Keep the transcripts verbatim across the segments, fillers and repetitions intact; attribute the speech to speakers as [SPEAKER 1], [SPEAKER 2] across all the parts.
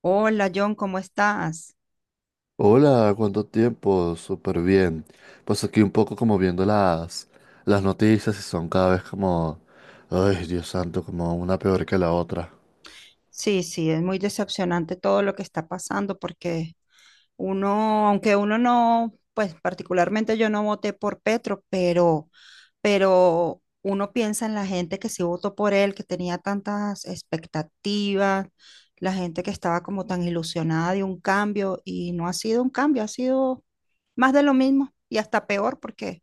[SPEAKER 1] Hola John, ¿cómo estás?
[SPEAKER 2] Hola, ¿cuánto tiempo? Súper bien. Pues aquí un poco como viendo las, las noticias y son cada vez como, ay, Dios santo, como una peor que la otra.
[SPEAKER 1] Sí, sí, es muy decepcionante todo lo que está pasando porque uno, aunque uno no, pues particularmente yo no voté por Petro, pero, pero uno piensa en la gente que sí votó por él, que tenía tantas expectativas, la gente que estaba como tan ilusionada de un cambio y no ha sido un cambio, ha sido más de lo mismo y hasta peor porque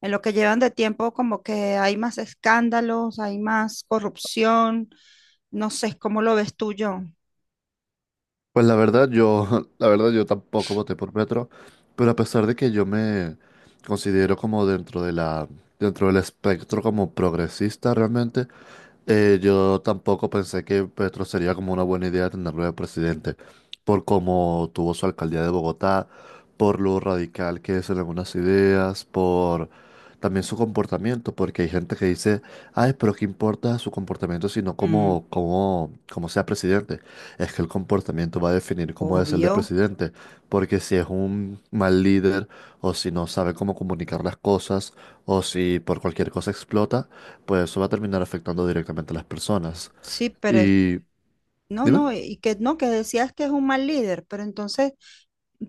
[SPEAKER 1] en lo que llevan de tiempo, como que hay más escándalos, hay más corrupción. No sé cómo lo ves tú, John.
[SPEAKER 2] Pues la verdad yo, la verdad yo tampoco voté por Petro, pero a pesar de que yo me considero como dentro de la, dentro del espectro como progresista realmente, eh, yo tampoco pensé que Petro sería como una buena idea tenerlo de presidente, por cómo tuvo su alcaldía de Bogotá, por lo radical que es en algunas ideas, por también su comportamiento, porque hay gente que dice, ay, pero qué importa su comportamiento, sino
[SPEAKER 1] Mm,
[SPEAKER 2] como, como, como sea presidente. Es que el comportamiento va a definir cómo es el del
[SPEAKER 1] Obvio,
[SPEAKER 2] presidente, porque si es un mal líder o si no sabe cómo comunicar las cosas o si por cualquier cosa explota, pues eso va a terminar afectando directamente a las personas.
[SPEAKER 1] sí, pero es-
[SPEAKER 2] Y
[SPEAKER 1] no,
[SPEAKER 2] dime,
[SPEAKER 1] no, y que no, que decías que es un mal líder, pero entonces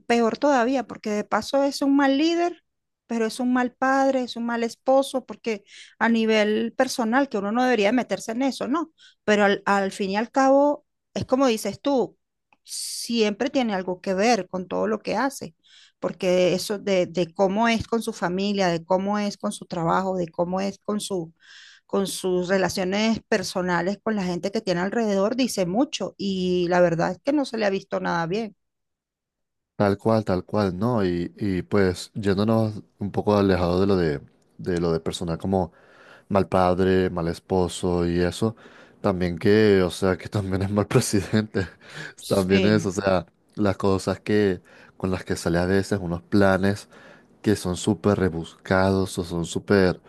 [SPEAKER 1] peor todavía, porque de paso es un mal líder, pero es un mal padre, es un mal esposo, porque a nivel personal, que uno no debería meterse en eso, ¿no? Pero al, al fin y al cabo, es como dices tú, siempre tiene algo que ver con todo lo que hace, porque eso de, de cómo es con su familia, de cómo es con su trabajo, de cómo es con su con sus relaciones personales con la gente que tiene alrededor, dice mucho y la verdad es que no se le ha visto nada bien.
[SPEAKER 2] tal cual, tal cual, ¿no? Y, y pues yéndonos un poco alejado de lo de, de lo de personal como mal padre, mal esposo y eso. También que, o sea, que también es mal presidente. También es, o
[SPEAKER 1] Sí.
[SPEAKER 2] sea, las cosas que con las que sale a veces, unos planes que son súper rebuscados o son súper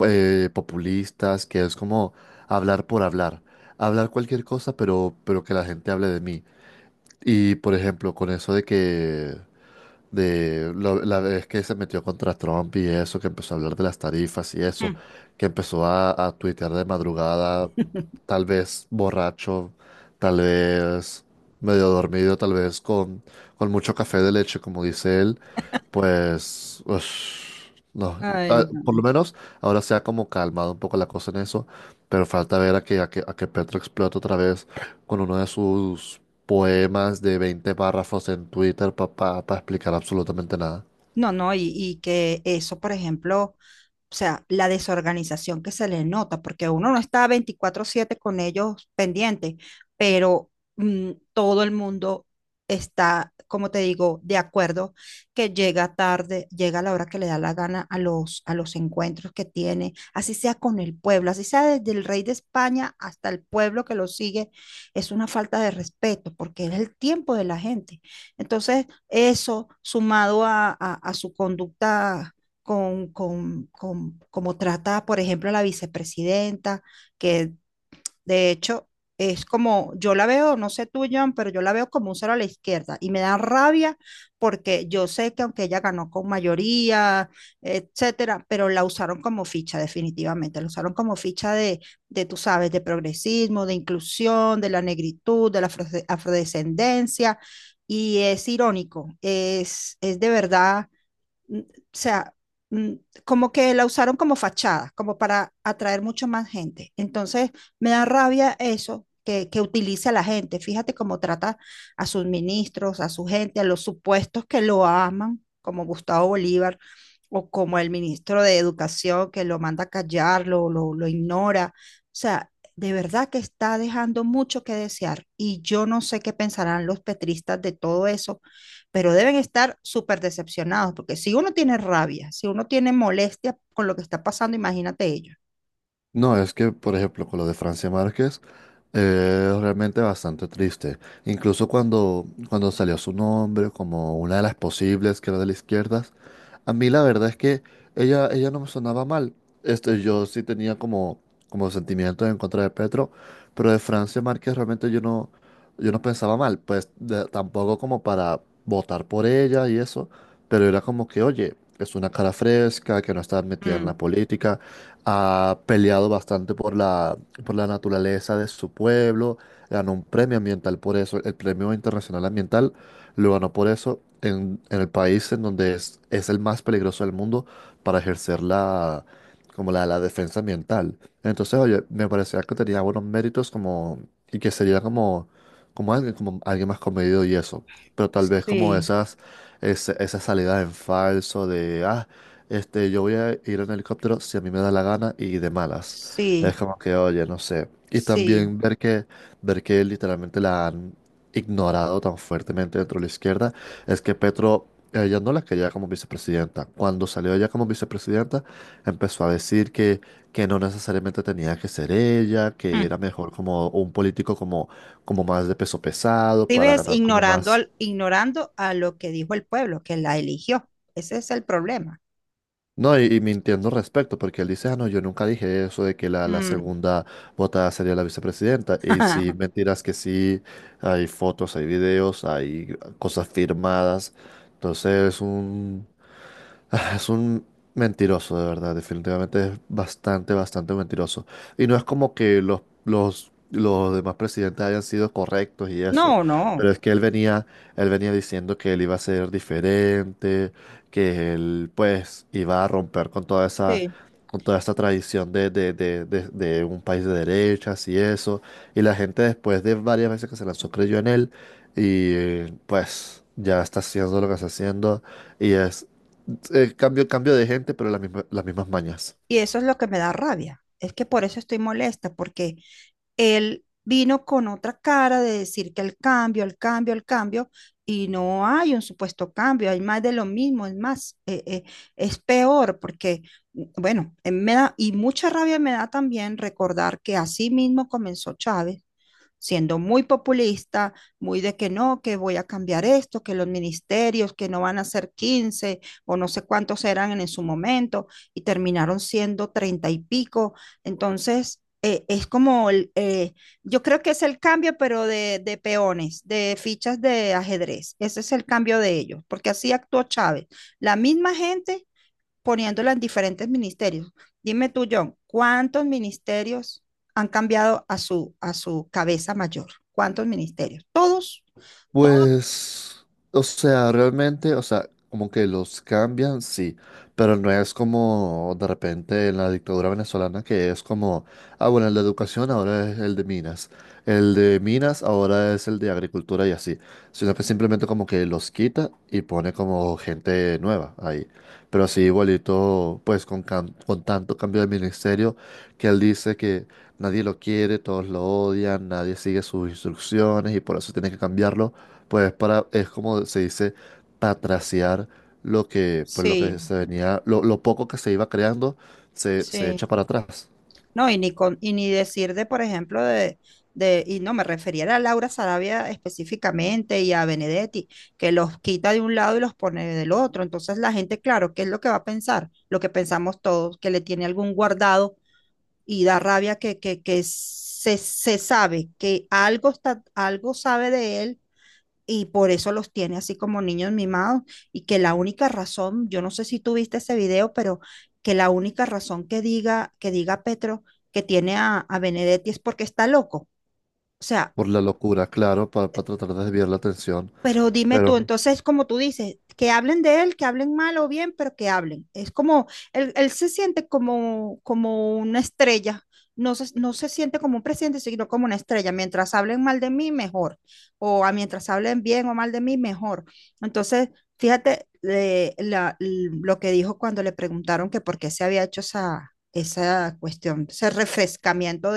[SPEAKER 2] eh, populistas, que es como hablar por hablar. Hablar cualquier cosa, pero, pero que la gente hable de mí. Y, por ejemplo, con eso de que de lo- la vez que se metió contra Trump y eso, que empezó a hablar de las tarifas y eso,
[SPEAKER 1] Mm.
[SPEAKER 2] que empezó a, a tuitear de madrugada, tal vez borracho, tal vez medio dormido, tal vez con, con mucho café de leche, como dice él, pues, ush, no.
[SPEAKER 1] Ay,
[SPEAKER 2] Ah,
[SPEAKER 1] no.
[SPEAKER 2] por lo menos ahora se ha como calmado un poco la cosa en eso, pero falta ver a que, a que, a que Petro explote otra vez con uno de sus poemas de veinte párrafos en Twitter para explicar absolutamente nada.
[SPEAKER 1] No, no, y, y que eso, por ejemplo, o sea, la desorganización que se le nota, porque uno no está veinticuatro siete con ellos pendientes, pero mm, todo el mundo está, como te digo, de acuerdo que llega tarde, llega a la hora que le da la gana a los, a los encuentros que tiene, así sea con el pueblo, así sea desde el rey de España hasta el pueblo que lo sigue, es una falta de respeto porque es el tiempo de la gente. Entonces, eso sumado a, a, a su conducta con, con, con cómo trata, por ejemplo, a la vicepresidenta, que de hecho es como, yo la veo, no sé tú, John, pero yo la veo como un cero a la izquierda y me da rabia porque yo sé que aunque ella ganó con mayoría, etcétera, pero la usaron como ficha definitivamente, la usaron como ficha de, de tú sabes, de progresismo, de inclusión, de la negritud, de la afro- afrodescendencia. Y es irónico, es, es de verdad mm, o sea, mm, como que la usaron como fachada, como para atraer mucho más gente. Entonces, me da rabia eso que, que utilice a la gente. Fíjate cómo trata a sus ministros, a su gente, a los supuestos que lo aman, como Gustavo Bolívar o como el ministro de Educación que lo manda a callar, lo, lo, lo ignora. O sea, de verdad que está dejando mucho que desear y yo no sé qué pensarán los petristas de todo eso, pero deben estar súper decepcionados, porque si uno tiene rabia, si uno tiene molestia con lo que está pasando, imagínate ellos.
[SPEAKER 2] No, es que, por ejemplo, con lo de Francia Márquez, eh, es realmente bastante triste. Incluso cuando, cuando salió su nombre como una de las posibles que era de la izquierda, a mí la verdad es que ella, ella no me sonaba mal. Este, yo sí tenía como, como sentimientos en contra de Petro, pero de Francia Márquez realmente yo no, yo no pensaba mal. Pues de- tampoco como para votar por ella y eso, pero era como que, oye, es una cara fresca, que no está metida en la
[SPEAKER 1] Mm,
[SPEAKER 2] política, ha peleado bastante por la, por la naturaleza de su pueblo, ganó un premio ambiental por eso, el Premio Internacional Ambiental lo ganó por eso en, en el país en donde es, es el más peligroso del mundo para ejercer la, como la, la defensa ambiental. Entonces, oye, me parecía que tenía buenos méritos como, y que sería como, como alguien, como alguien más comedido y eso. Pero tal vez como
[SPEAKER 1] Sí,
[SPEAKER 2] esas, ese- esa salida en falso de, ah, este, yo voy a ir en helicóptero si a mí me da la gana y de malas. Es
[SPEAKER 1] sí,
[SPEAKER 2] como que, oye, no sé. Y
[SPEAKER 1] sí.
[SPEAKER 2] también ver que, ver que literalmente la han ignorado tan fuertemente dentro de la izquierda, es que Petro, ella no la quería como vicepresidenta. Cuando salió ella como vicepresidenta, empezó a decir que, que no necesariamente tenía que ser ella, que
[SPEAKER 1] mm.
[SPEAKER 2] era mejor como un político como, como más de peso pesado
[SPEAKER 1] Si
[SPEAKER 2] para
[SPEAKER 1] ves,
[SPEAKER 2] ganar como
[SPEAKER 1] ignorando,
[SPEAKER 2] más.
[SPEAKER 1] al, ignorando a lo que dijo el pueblo, que la eligió. Ese es el problema.
[SPEAKER 2] No, y, y mintiendo al respecto, porque él dice, ah, no, yo nunca dije eso de que la, la
[SPEAKER 1] Mm.
[SPEAKER 2] segunda votada sería la vicepresidenta. Y si mentiras que sí, hay fotos, hay videos, hay cosas firmadas. Entonces es un, ah, es un mentiroso, de verdad. Definitivamente es bastante, bastante mentiroso. Y no es como que los, los, los demás presidentes hayan sido correctos y eso.
[SPEAKER 1] No, no.
[SPEAKER 2] Pero es que él venía, él venía diciendo que él iba a ser diferente, que él, pues, iba a romper con toda esa,
[SPEAKER 1] Sí.
[SPEAKER 2] con toda esa tradición de, de, de, de, de un país de derechas y eso. Y la gente, después de varias veces que se lanzó, creyó en él. Y pues, ya está haciendo lo que está haciendo. Y es eh, cambio, cambio de gente, pero las mismas, las mismas mañas.
[SPEAKER 1] Y eso es lo que me da rabia. Es que por eso estoy molesta, porque él vino con otra cara de decir que el cambio, el cambio, el cambio, y no hay un supuesto cambio, hay más de lo mismo, es más, eh, eh, es peor porque mm, bueno, eh, me da, y mucha rabia me da también recordar que así mismo comenzó Chávez siendo muy populista, muy de que no, que voy a cambiar esto, que los ministerios, que no van a ser quince o no sé cuántos eran en su momento y terminaron siendo treinta y pico. Entonces, eh, es como, el, eh, yo creo que es el cambio, pero de, de, peones, de fichas de ajedrez. Ese es el cambio de ellos, porque así actuó Chávez. La misma gente poniéndola en diferentes ministerios. Dime tú, John, ¿cuántos ministerios han cambiado a su, a su cabeza mayor? ¿Cuántos ministerios? ¿Todos? ¿Todos?
[SPEAKER 2] Pues, o sea, realmente, o sea, como que los cambian, sí, pero no es como de repente en la dictadura venezolana que es como, ah, bueno, el de educación ahora es el de minas, el de minas ahora es el de agricultura y así, sino que simplemente como que los quita y pone como gente nueva ahí. Pero así igualito, pues con, cam- con tanto cambio de ministerio que él dice que nadie lo quiere, todos lo odian, nadie sigue sus instrucciones y por eso tiene que cambiarlo, pues para, es como se dice, patraciar lo que, pues lo
[SPEAKER 1] Sí,
[SPEAKER 2] que se venía, lo, lo poco que se iba creando, se, se
[SPEAKER 1] sí.
[SPEAKER 2] echa para atrás.
[SPEAKER 1] No, y ni, con, y ni decir de, por ejemplo, de, de, y no me refería a Laura Sarabia específicamente y a Benedetti, que los quita de un lado y los pone del otro. Entonces la gente, claro, ¿qué es lo que va a pensar? Lo que pensamos todos, que le tiene algún guardado y da rabia que, que, que se, se sabe que algo, está, algo sabe de él y por eso los tiene así como niños mimados y que la única razón, yo no sé si tú viste ese video, pero que la única razón que diga, que diga Petro que tiene a, a Benedetti es porque está loco. O sea,
[SPEAKER 2] Por la locura, claro, para tratar de desviar la atención.
[SPEAKER 1] pero dime
[SPEAKER 2] Pero,
[SPEAKER 1] tú, entonces, como tú dices, que hablen de él, que hablen mal o bien, pero que hablen. Es como, él, él se siente como, como una estrella, no se, no se siente como un presidente, sino como una estrella. Mientras hablen mal de mí, mejor. O a mientras hablen bien o mal de mí, mejor. Entonces, fíjate eh, la- l- lo que dijo cuando le preguntaron que por qué se había hecho esa, esa cuestión, ese refrescamiento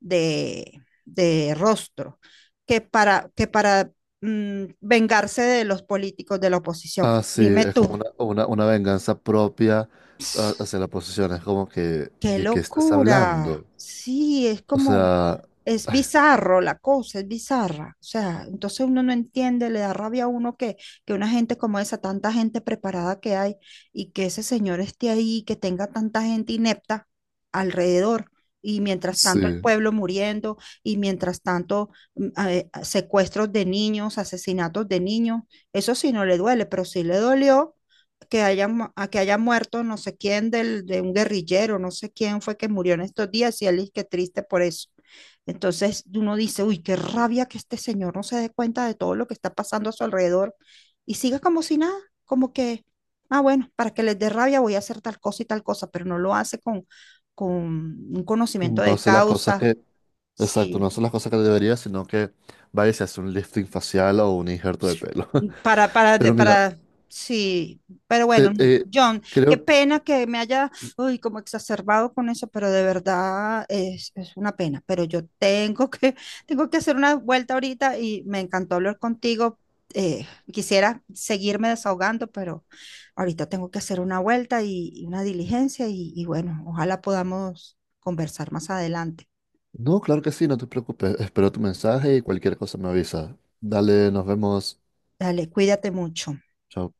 [SPEAKER 1] de, de rostro, que para, que para mm, vengarse de los políticos de la oposición.
[SPEAKER 2] ah, sí,
[SPEAKER 1] Dime
[SPEAKER 2] es
[SPEAKER 1] tú.
[SPEAKER 2] como una, una, una venganza propia, ah, hacia la oposición. Es como que,
[SPEAKER 1] Qué
[SPEAKER 2] ¿de qué estás
[SPEAKER 1] locura.
[SPEAKER 2] hablando?
[SPEAKER 1] Sí, es
[SPEAKER 2] O
[SPEAKER 1] como,
[SPEAKER 2] sea,
[SPEAKER 1] es bizarro la cosa, es bizarra. O sea, entonces uno no entiende, le da rabia a uno que, que una gente como esa, tanta gente preparada que hay y que ese señor esté ahí, que tenga tanta gente inepta alrededor. Y mientras
[SPEAKER 2] sí,
[SPEAKER 1] tanto el pueblo muriendo, y mientras tanto mm, a- eh, secuestros de niños, asesinatos de niños, eso sí no le duele, pero sí le dolió que haya, mu- a que haya muerto no sé quién del, de un guerrillero, no sé quién fue que murió en estos días y él es que triste por eso. Entonces uno dice, uy, qué rabia que este señor no se dé cuenta de todo lo que está pasando a su alrededor y siga como si nada, como que, ah, bueno, para que les dé rabia voy a hacer tal cosa y tal cosa, pero no lo hace con, con un conocimiento
[SPEAKER 2] no
[SPEAKER 1] de
[SPEAKER 2] sé las cosas
[SPEAKER 1] causa.
[SPEAKER 2] que, exacto,
[SPEAKER 1] Sí.
[SPEAKER 2] no sé las cosas que debería, sino que vaya, y se hace un lifting facial o un injerto de pelo.
[SPEAKER 1] Para, para, de-
[SPEAKER 2] Pero mira,
[SPEAKER 1] para, sí, pero bueno,
[SPEAKER 2] Te- eh,
[SPEAKER 1] John, qué
[SPEAKER 2] creo,
[SPEAKER 1] pena que me haya, uy, como exacerbado con eso, pero de verdad es, es una pena, pero yo tengo que, tengo que hacer una vuelta ahorita y me encantó hablar contigo. eh, Quisiera seguirme desahogando, pero ahorita tengo que hacer una vuelta y, y una diligencia y, y bueno, ojalá podamos conversar más adelante.
[SPEAKER 2] no, claro que sí, no te preocupes. Espero tu mensaje y cualquier cosa me avisa. Dale, nos vemos.
[SPEAKER 1] Dale, cuídate mucho.
[SPEAKER 2] Chao.